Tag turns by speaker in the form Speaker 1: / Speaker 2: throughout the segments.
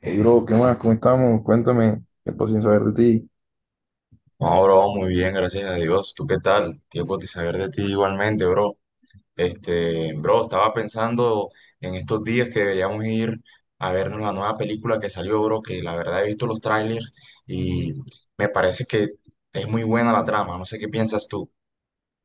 Speaker 1: Hey, bro, ¿qué más? ¿Cómo estamos? Cuéntame, tiempo sin saber de ti.
Speaker 2: No, bro, muy bien, gracias a Dios. ¿Tú qué tal? Tiempo de saber de ti igualmente, bro. Bro, estaba pensando en estos días que deberíamos ir a ver la nueva película que salió, bro, que la verdad he visto los trailers y me parece que es muy buena la trama. No sé qué piensas tú.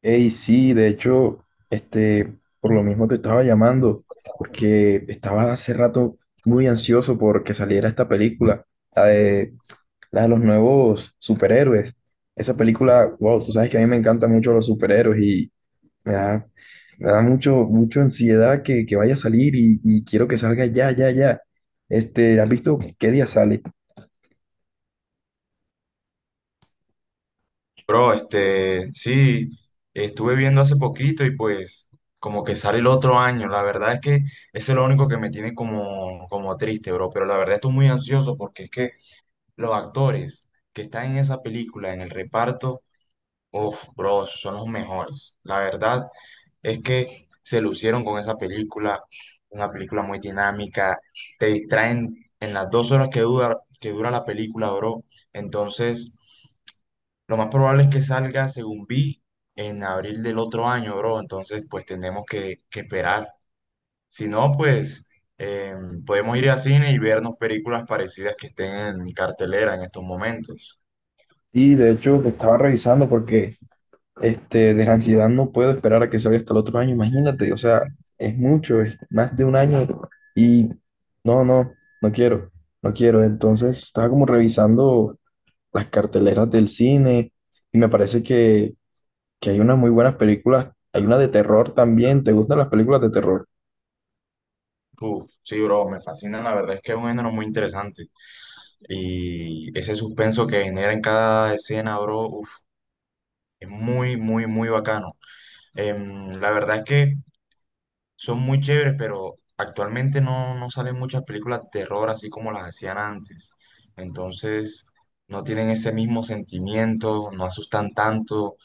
Speaker 1: Hey, sí, de hecho, por lo mismo te estaba llamando, porque estaba hace rato muy ansioso porque saliera esta película, la de, la de los nuevos superhéroes. Esa película, wow, tú sabes que a mí me encantan mucho los superhéroes y me da, me da mucho, mucho ansiedad que vaya a salir y quiero que salga ya, ya, ya. Este, ¿has visto qué día sale?
Speaker 2: Bro, sí, estuve viendo hace poquito y pues como que sale el otro año. La verdad es que eso es lo único que me tiene como triste, bro. Pero la verdad estoy muy ansioso porque es que los actores que están en esa película, en el reparto, uff, bro, son los mejores. La verdad es que se lucieron con esa película, una película muy dinámica, te distraen en las dos horas que dura la película, bro. Entonces, lo más probable es que salga, según vi, en abril del otro año, bro. Entonces, pues tenemos que esperar. Si no, pues podemos ir a cine y vernos películas parecidas que estén en cartelera en estos momentos.
Speaker 1: Y de hecho, te estaba revisando porque este, de la ansiedad no puedo esperar a que salga hasta el otro año, imagínate, o sea, es mucho, es más de un año y no, no, no quiero, no quiero. Entonces estaba como revisando las carteleras del cine y me parece que hay unas muy buenas películas, hay una de terror también, ¿te gustan las películas de terror?
Speaker 2: Uf, sí, bro, me fascina, la verdad es que es un género muy interesante y ese suspenso que genera en cada escena, bro, uf, es muy, muy, muy bacano. La verdad es que son muy chéveres, pero actualmente no salen muchas películas de terror así como las hacían antes. Entonces, no tienen ese mismo sentimiento, no asustan tanto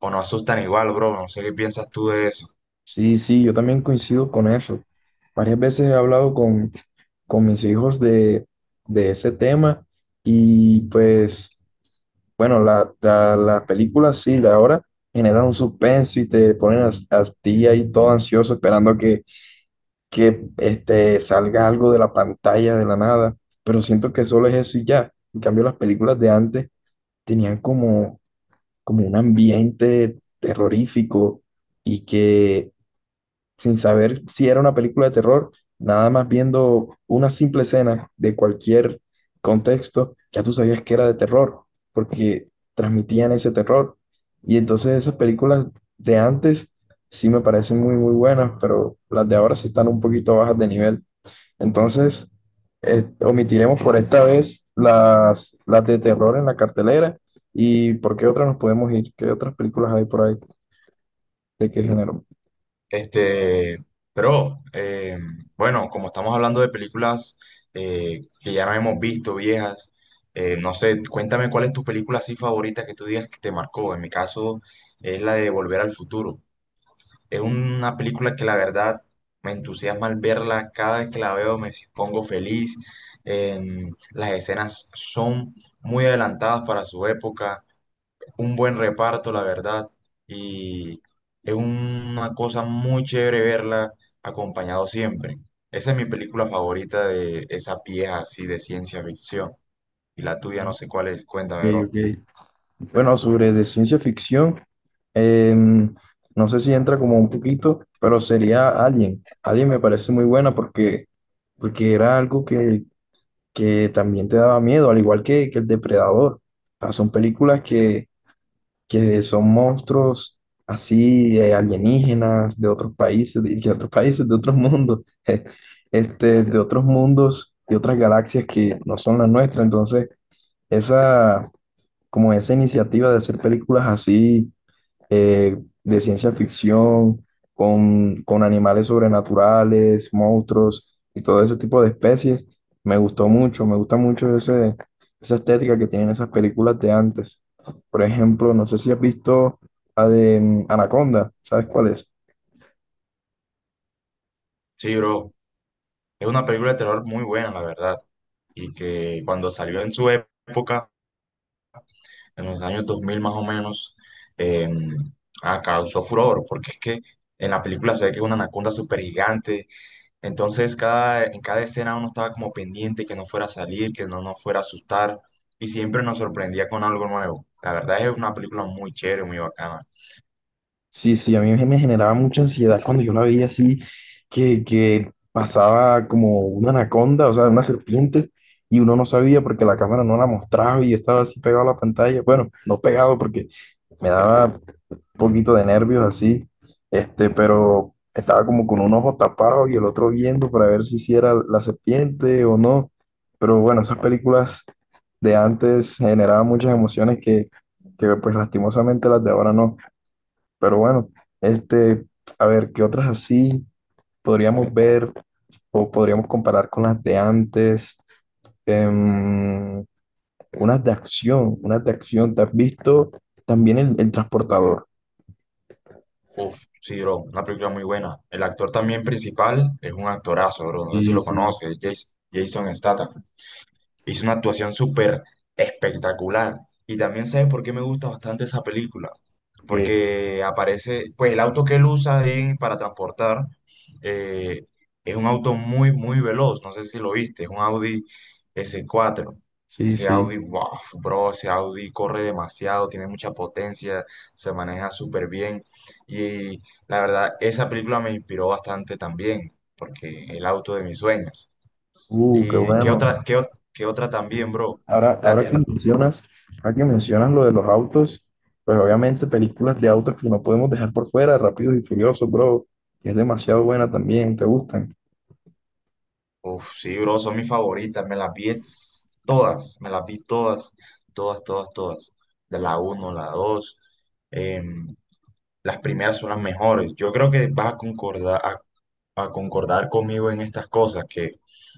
Speaker 2: o no asustan igual, bro, no sé qué piensas tú de eso.
Speaker 1: Sí, sí, yo también coincido con eso. Varias veces he hablado con mis hijos de ese tema y pues... Bueno, las películas sí, de ahora generan un suspenso y te ponen a ti ahí todo ansioso esperando que este, salga algo de la pantalla de la nada, pero siento que solo es eso y ya. En cambio, las películas de antes tenían como un ambiente terrorífico y que sin saber si era una película de terror, nada más viendo una simple escena de cualquier contexto, ya tú sabías que era de terror, porque transmitían ese terror. Y entonces esas películas de antes sí me parecen muy, muy buenas, pero las de ahora sí están un poquito bajas de nivel. Entonces, omitiremos por esta vez las de terror en la cartelera. ¿Y por qué otras nos podemos ir? ¿Qué otras películas hay por ahí? ¿De qué género?
Speaker 2: Este, pero eh, bueno, como estamos hablando de películas que ya no hemos visto, viejas, no sé, cuéntame cuál es tu película así favorita que tú digas que te marcó. En mi caso es la de Volver al Futuro. Es una película que la verdad me entusiasma al verla. Cada vez que la veo me pongo feliz. Las escenas son muy adelantadas para su época, un buen reparto, la verdad, y es una cosa muy chévere verla acompañado siempre. Esa es mi película favorita de esa pieza así de ciencia ficción. Y la tuya no sé cuál es,
Speaker 1: Ok,
Speaker 2: cuéntame, bro.
Speaker 1: ok. Bueno, sobre de ciencia ficción, em, no sé si entra como un poquito, pero sería Alien. Alien me parece muy buena porque, porque era algo que también te daba miedo, al igual que El Depredador. O sea, son películas que son monstruos así alienígenas de otros países, de otros países, de otros mundos, de otros mundos, de otras galaxias que no son las nuestras. Entonces, esa como esa iniciativa de hacer películas así eh, de ciencia ficción, con animales sobrenaturales, monstruos y todo ese tipo de especies. Me gustó mucho, me gusta mucho esa estética que tienen esas películas de antes. Por ejemplo, no sé si has visto la de Anaconda, ¿sabes cuál es?
Speaker 2: Sí, bro, es una película de terror muy buena, la verdad, y que cuando salió en su época, en los años 2000 más o menos, eh, causó furor, porque es que en la película se ve que es una anaconda súper gigante. Entonces, en cada escena uno estaba como pendiente que no fuera a salir, que no nos fuera a asustar, y siempre nos sorprendía con algo nuevo. La verdad es una película muy chévere, muy bacana.
Speaker 1: Sí, sí, a mí me generaba mucha ansiedad cuando yo la veía así, que pasaba como una anaconda, o sea, una serpiente, y uno no sabía porque la cámara no la mostraba y estaba así pegado a la pantalla. Bueno, no pegado porque me daba un poquito de nervios así, pero estaba como con un ojo tapado y el otro viendo para ver si sí era la serpiente o no. Pero bueno, esas películas de antes generaban muchas emociones que pues lastimosamente las de ahora no. Pero bueno, este, a ver, ¿qué otras así podríamos ver o podríamos comparar con las de antes? Em, unas de acción, unas de acción. ¿Te has visto también el transportador?
Speaker 2: Uf, sí, bro, una película muy buena. El actor también principal es un actorazo, bro, no sé si
Speaker 1: Sí,
Speaker 2: lo
Speaker 1: sí.
Speaker 2: conoces, Jason Statham. Hizo una actuación súper espectacular. Y también sabes por qué me gusta bastante esa película.
Speaker 1: Ok.
Speaker 2: Porque aparece, pues el auto que él usa ahí para transportar, eh, es un auto muy, muy veloz. No sé si lo viste, es un Audi S4.
Speaker 1: Sí,
Speaker 2: Ese
Speaker 1: sí.
Speaker 2: Audi, wow, bro, ese Audi corre demasiado, tiene mucha potencia, se maneja súper bien. Y la verdad, esa película me inspiró bastante también, porque el auto de mis sueños.
Speaker 1: Qué
Speaker 2: ¿Y qué
Speaker 1: bueno.
Speaker 2: otra, qué otra también, bro?
Speaker 1: Ahora,
Speaker 2: La
Speaker 1: ahora que
Speaker 2: terra.
Speaker 1: mencionas, ahora que mencionas lo de los autos, pues obviamente películas de autos que no podemos dejar por fuera, Rápidos y Furiosos, bro, que es demasiado buena también, ¿te gustan?
Speaker 2: Uf, sí, bro, son mis favoritas. Me las vi ex- Todas, me las vi todas, todas, todas, todas. De la uno la dos, em, las primeras son las mejores. Yo creo que vas a a concordar conmigo en estas cosas, que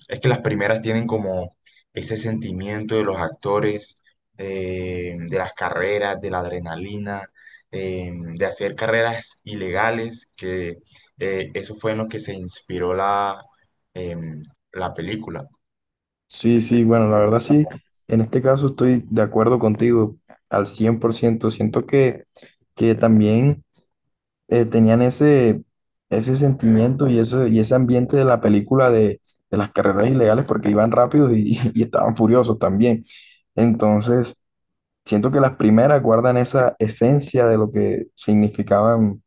Speaker 2: es que las primeras tienen como ese sentimiento de los actores, de las carreras, de la adrenalina, de hacer carreras ilegales, que eso fue en lo que se inspiró em, la película.
Speaker 1: Sí, sí, bueno, la verdad sí, en este caso estoy de acuerdo contigo al 100%. Siento que también tenían ese sentimiento y ese ambiente de la película de las carreras ilegales porque iban rápidos y estaban furiosos también. Entonces, siento que las primeras guardan esa esencia de lo que significaban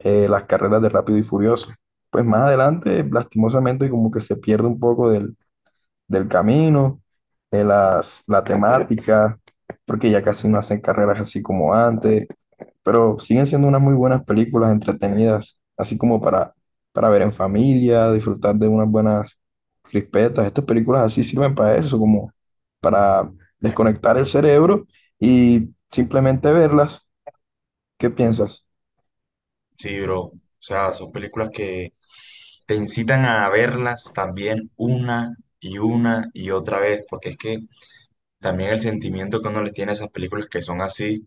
Speaker 1: las carreras de Rápido y Furioso. Pues más adelante, lastimosamente, como que se pierde un poco del camino, la temática, porque ya casi no hacen carreras así como antes, pero siguen siendo unas muy buenas películas entretenidas, así como para ver en familia, disfrutar de unas buenas crispetas. Estas películas así sirven para eso, como para desconectar el cerebro y simplemente verlas. ¿Qué piensas?
Speaker 2: Sí, bro. O sea, son películas que te incitan a verlas también una y otra vez, porque es que también el sentimiento que uno le tiene a esas películas que son así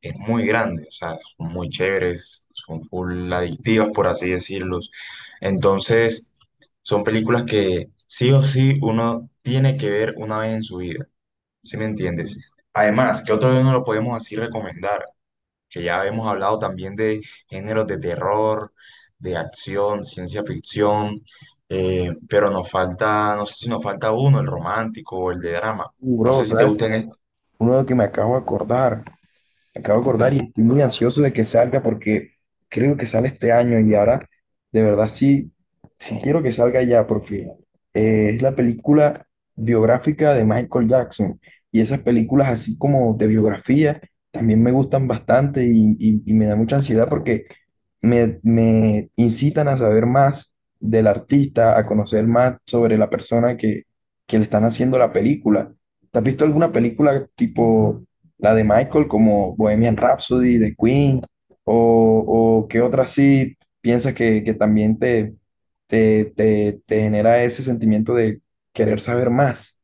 Speaker 2: es muy grande, o sea, son muy chéveres, son full adictivas, por así decirlos. Entonces, son películas que sí o sí uno tiene que ver una vez en su vida, ¿sí me entiendes? Además, ¿qué otro no lo podemos así recomendar? Que ya hemos hablado también de géneros de terror, de acción, ciencia ficción, pero nos falta, no sé si nos falta uno, el romántico o el de drama. No
Speaker 1: Bro,
Speaker 2: sé si te
Speaker 1: ¿sabes?
Speaker 2: gustan.
Speaker 1: Uno de que me acabo de acordar. Acabo de acordar y estoy muy ansioso de que salga porque creo que sale este año y ahora de verdad sí, sí quiero que salga ya porque es la película biográfica de Michael Jackson y esas películas así como de biografía también me gustan bastante y me da mucha ansiedad porque me incitan a saber más del artista, a conocer más sobre la persona que le están haciendo la película. ¿Te has visto alguna película tipo... la de Michael como Bohemian Rhapsody de Queen o, o qué otra sí piensas que también te genera ese sentimiento de querer saber más.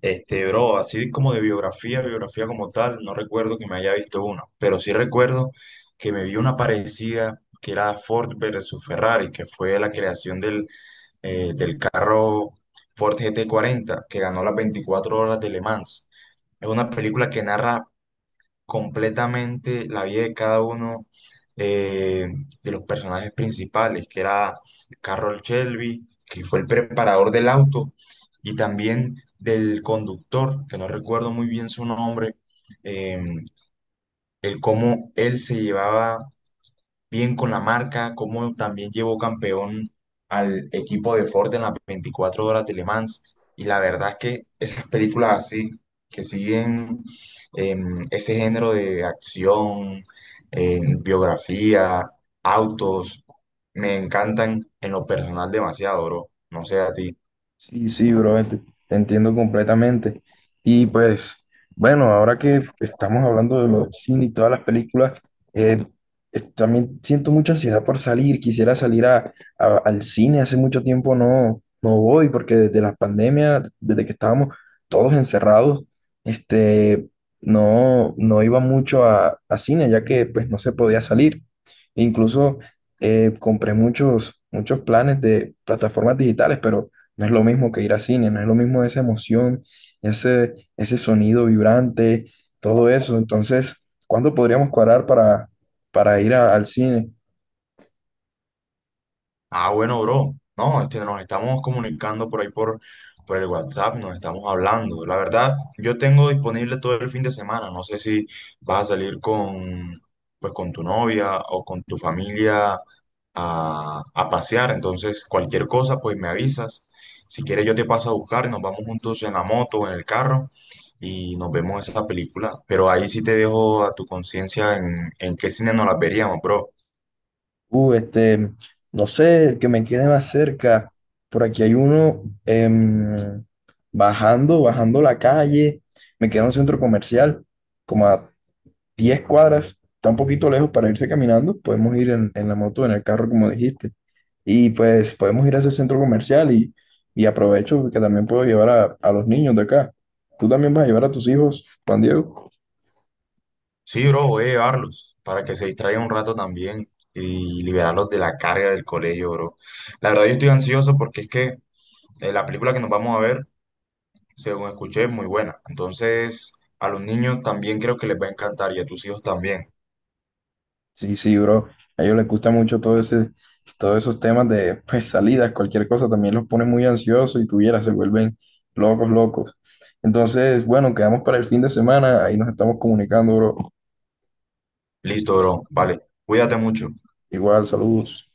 Speaker 2: Bro, así como de biografía como tal, no recuerdo que me haya visto una, pero sí recuerdo que me vi una parecida que era Ford versus Ferrari, que fue la creación del carro Ford GT40, que ganó las 24 horas de Le Mans. Es una película que narra completamente la vida de cada uno, eh, de los personajes principales, que era Carroll Shelby, que fue el preparador del auto, y también del conductor, que no recuerdo muy bien su nombre. eh, el cómo él se llevaba bien con la marca, como también llevó campeón al equipo de Ford en las 24 horas de Le Mans. Y la verdad es que esas películas así, que siguen ese género de acción, biografía, autos, me encantan en lo personal demasiado, bro. No sé a ti.
Speaker 1: Sí, sí, bro, te entiendo completamente. Y pues, bueno, ahora que estamos hablando de los cine y todas las películas, eh, también siento mucha ansiedad por salir. Quisiera salir al cine. Hace mucho tiempo no voy porque desde la pandemia, desde que estábamos todos encerrados, este, no iba mucho a cine ya que pues no se podía salir. Incluso compré muchos, muchos planes de plataformas digitales, pero no es lo mismo que ir a cine, no es lo mismo esa emoción, ese sonido vibrante, todo eso. Entonces, ¿cuándo podríamos cuadrar para ir al cine?
Speaker 2: Ah, bueno, bro. No, nos estamos comunicando por ahí por el WhatsApp, nos estamos hablando. La verdad, yo tengo disponible todo el fin de semana. No sé si vas a salir con, pues, con tu novia o con tu familia a pasear. Entonces, cualquier cosa, pues me avisas. Si quieres, yo te paso a buscar y nos vamos juntos en la moto o en el carro y nos vemos esa película. Pero ahí sí te dejo a tu conciencia en qué cine nos la veríamos, bro.
Speaker 1: Uh, este, no sé, el que me quede más cerca. Por aquí hay uno bajando, bajando la calle. Me queda un centro comercial, como a 10 cuadras, está un poquito lejos para irse caminando, podemos ir en la moto, en el carro, como dijiste, y pues podemos ir a ese centro comercial y aprovecho que también puedo llevar a los niños de acá. ¿Tú también vas a llevar a tus hijos, Juan Diego?
Speaker 2: Sí, bro, voy a llevarlos para que se distraigan un rato también y liberarlos de la carga del colegio, bro. La verdad, yo estoy ansioso porque es que la película que nos vamos a ver, según escuché, es muy buena. Entonces, a los niños también creo que les va a encantar y a tus hijos también.
Speaker 1: Sí, sí, bro, a ellos les gusta mucho todo ese, todos esos temas de pues, salidas, cualquier cosa, también los pone muy ansiosos y tuvieras, se vuelven locos, locos. Entonces, bueno, quedamos para el fin de semana, ahí nos estamos comunicando, bro.
Speaker 2: Listo, bro. Vale, cuídate mucho.
Speaker 1: Igual, saludos.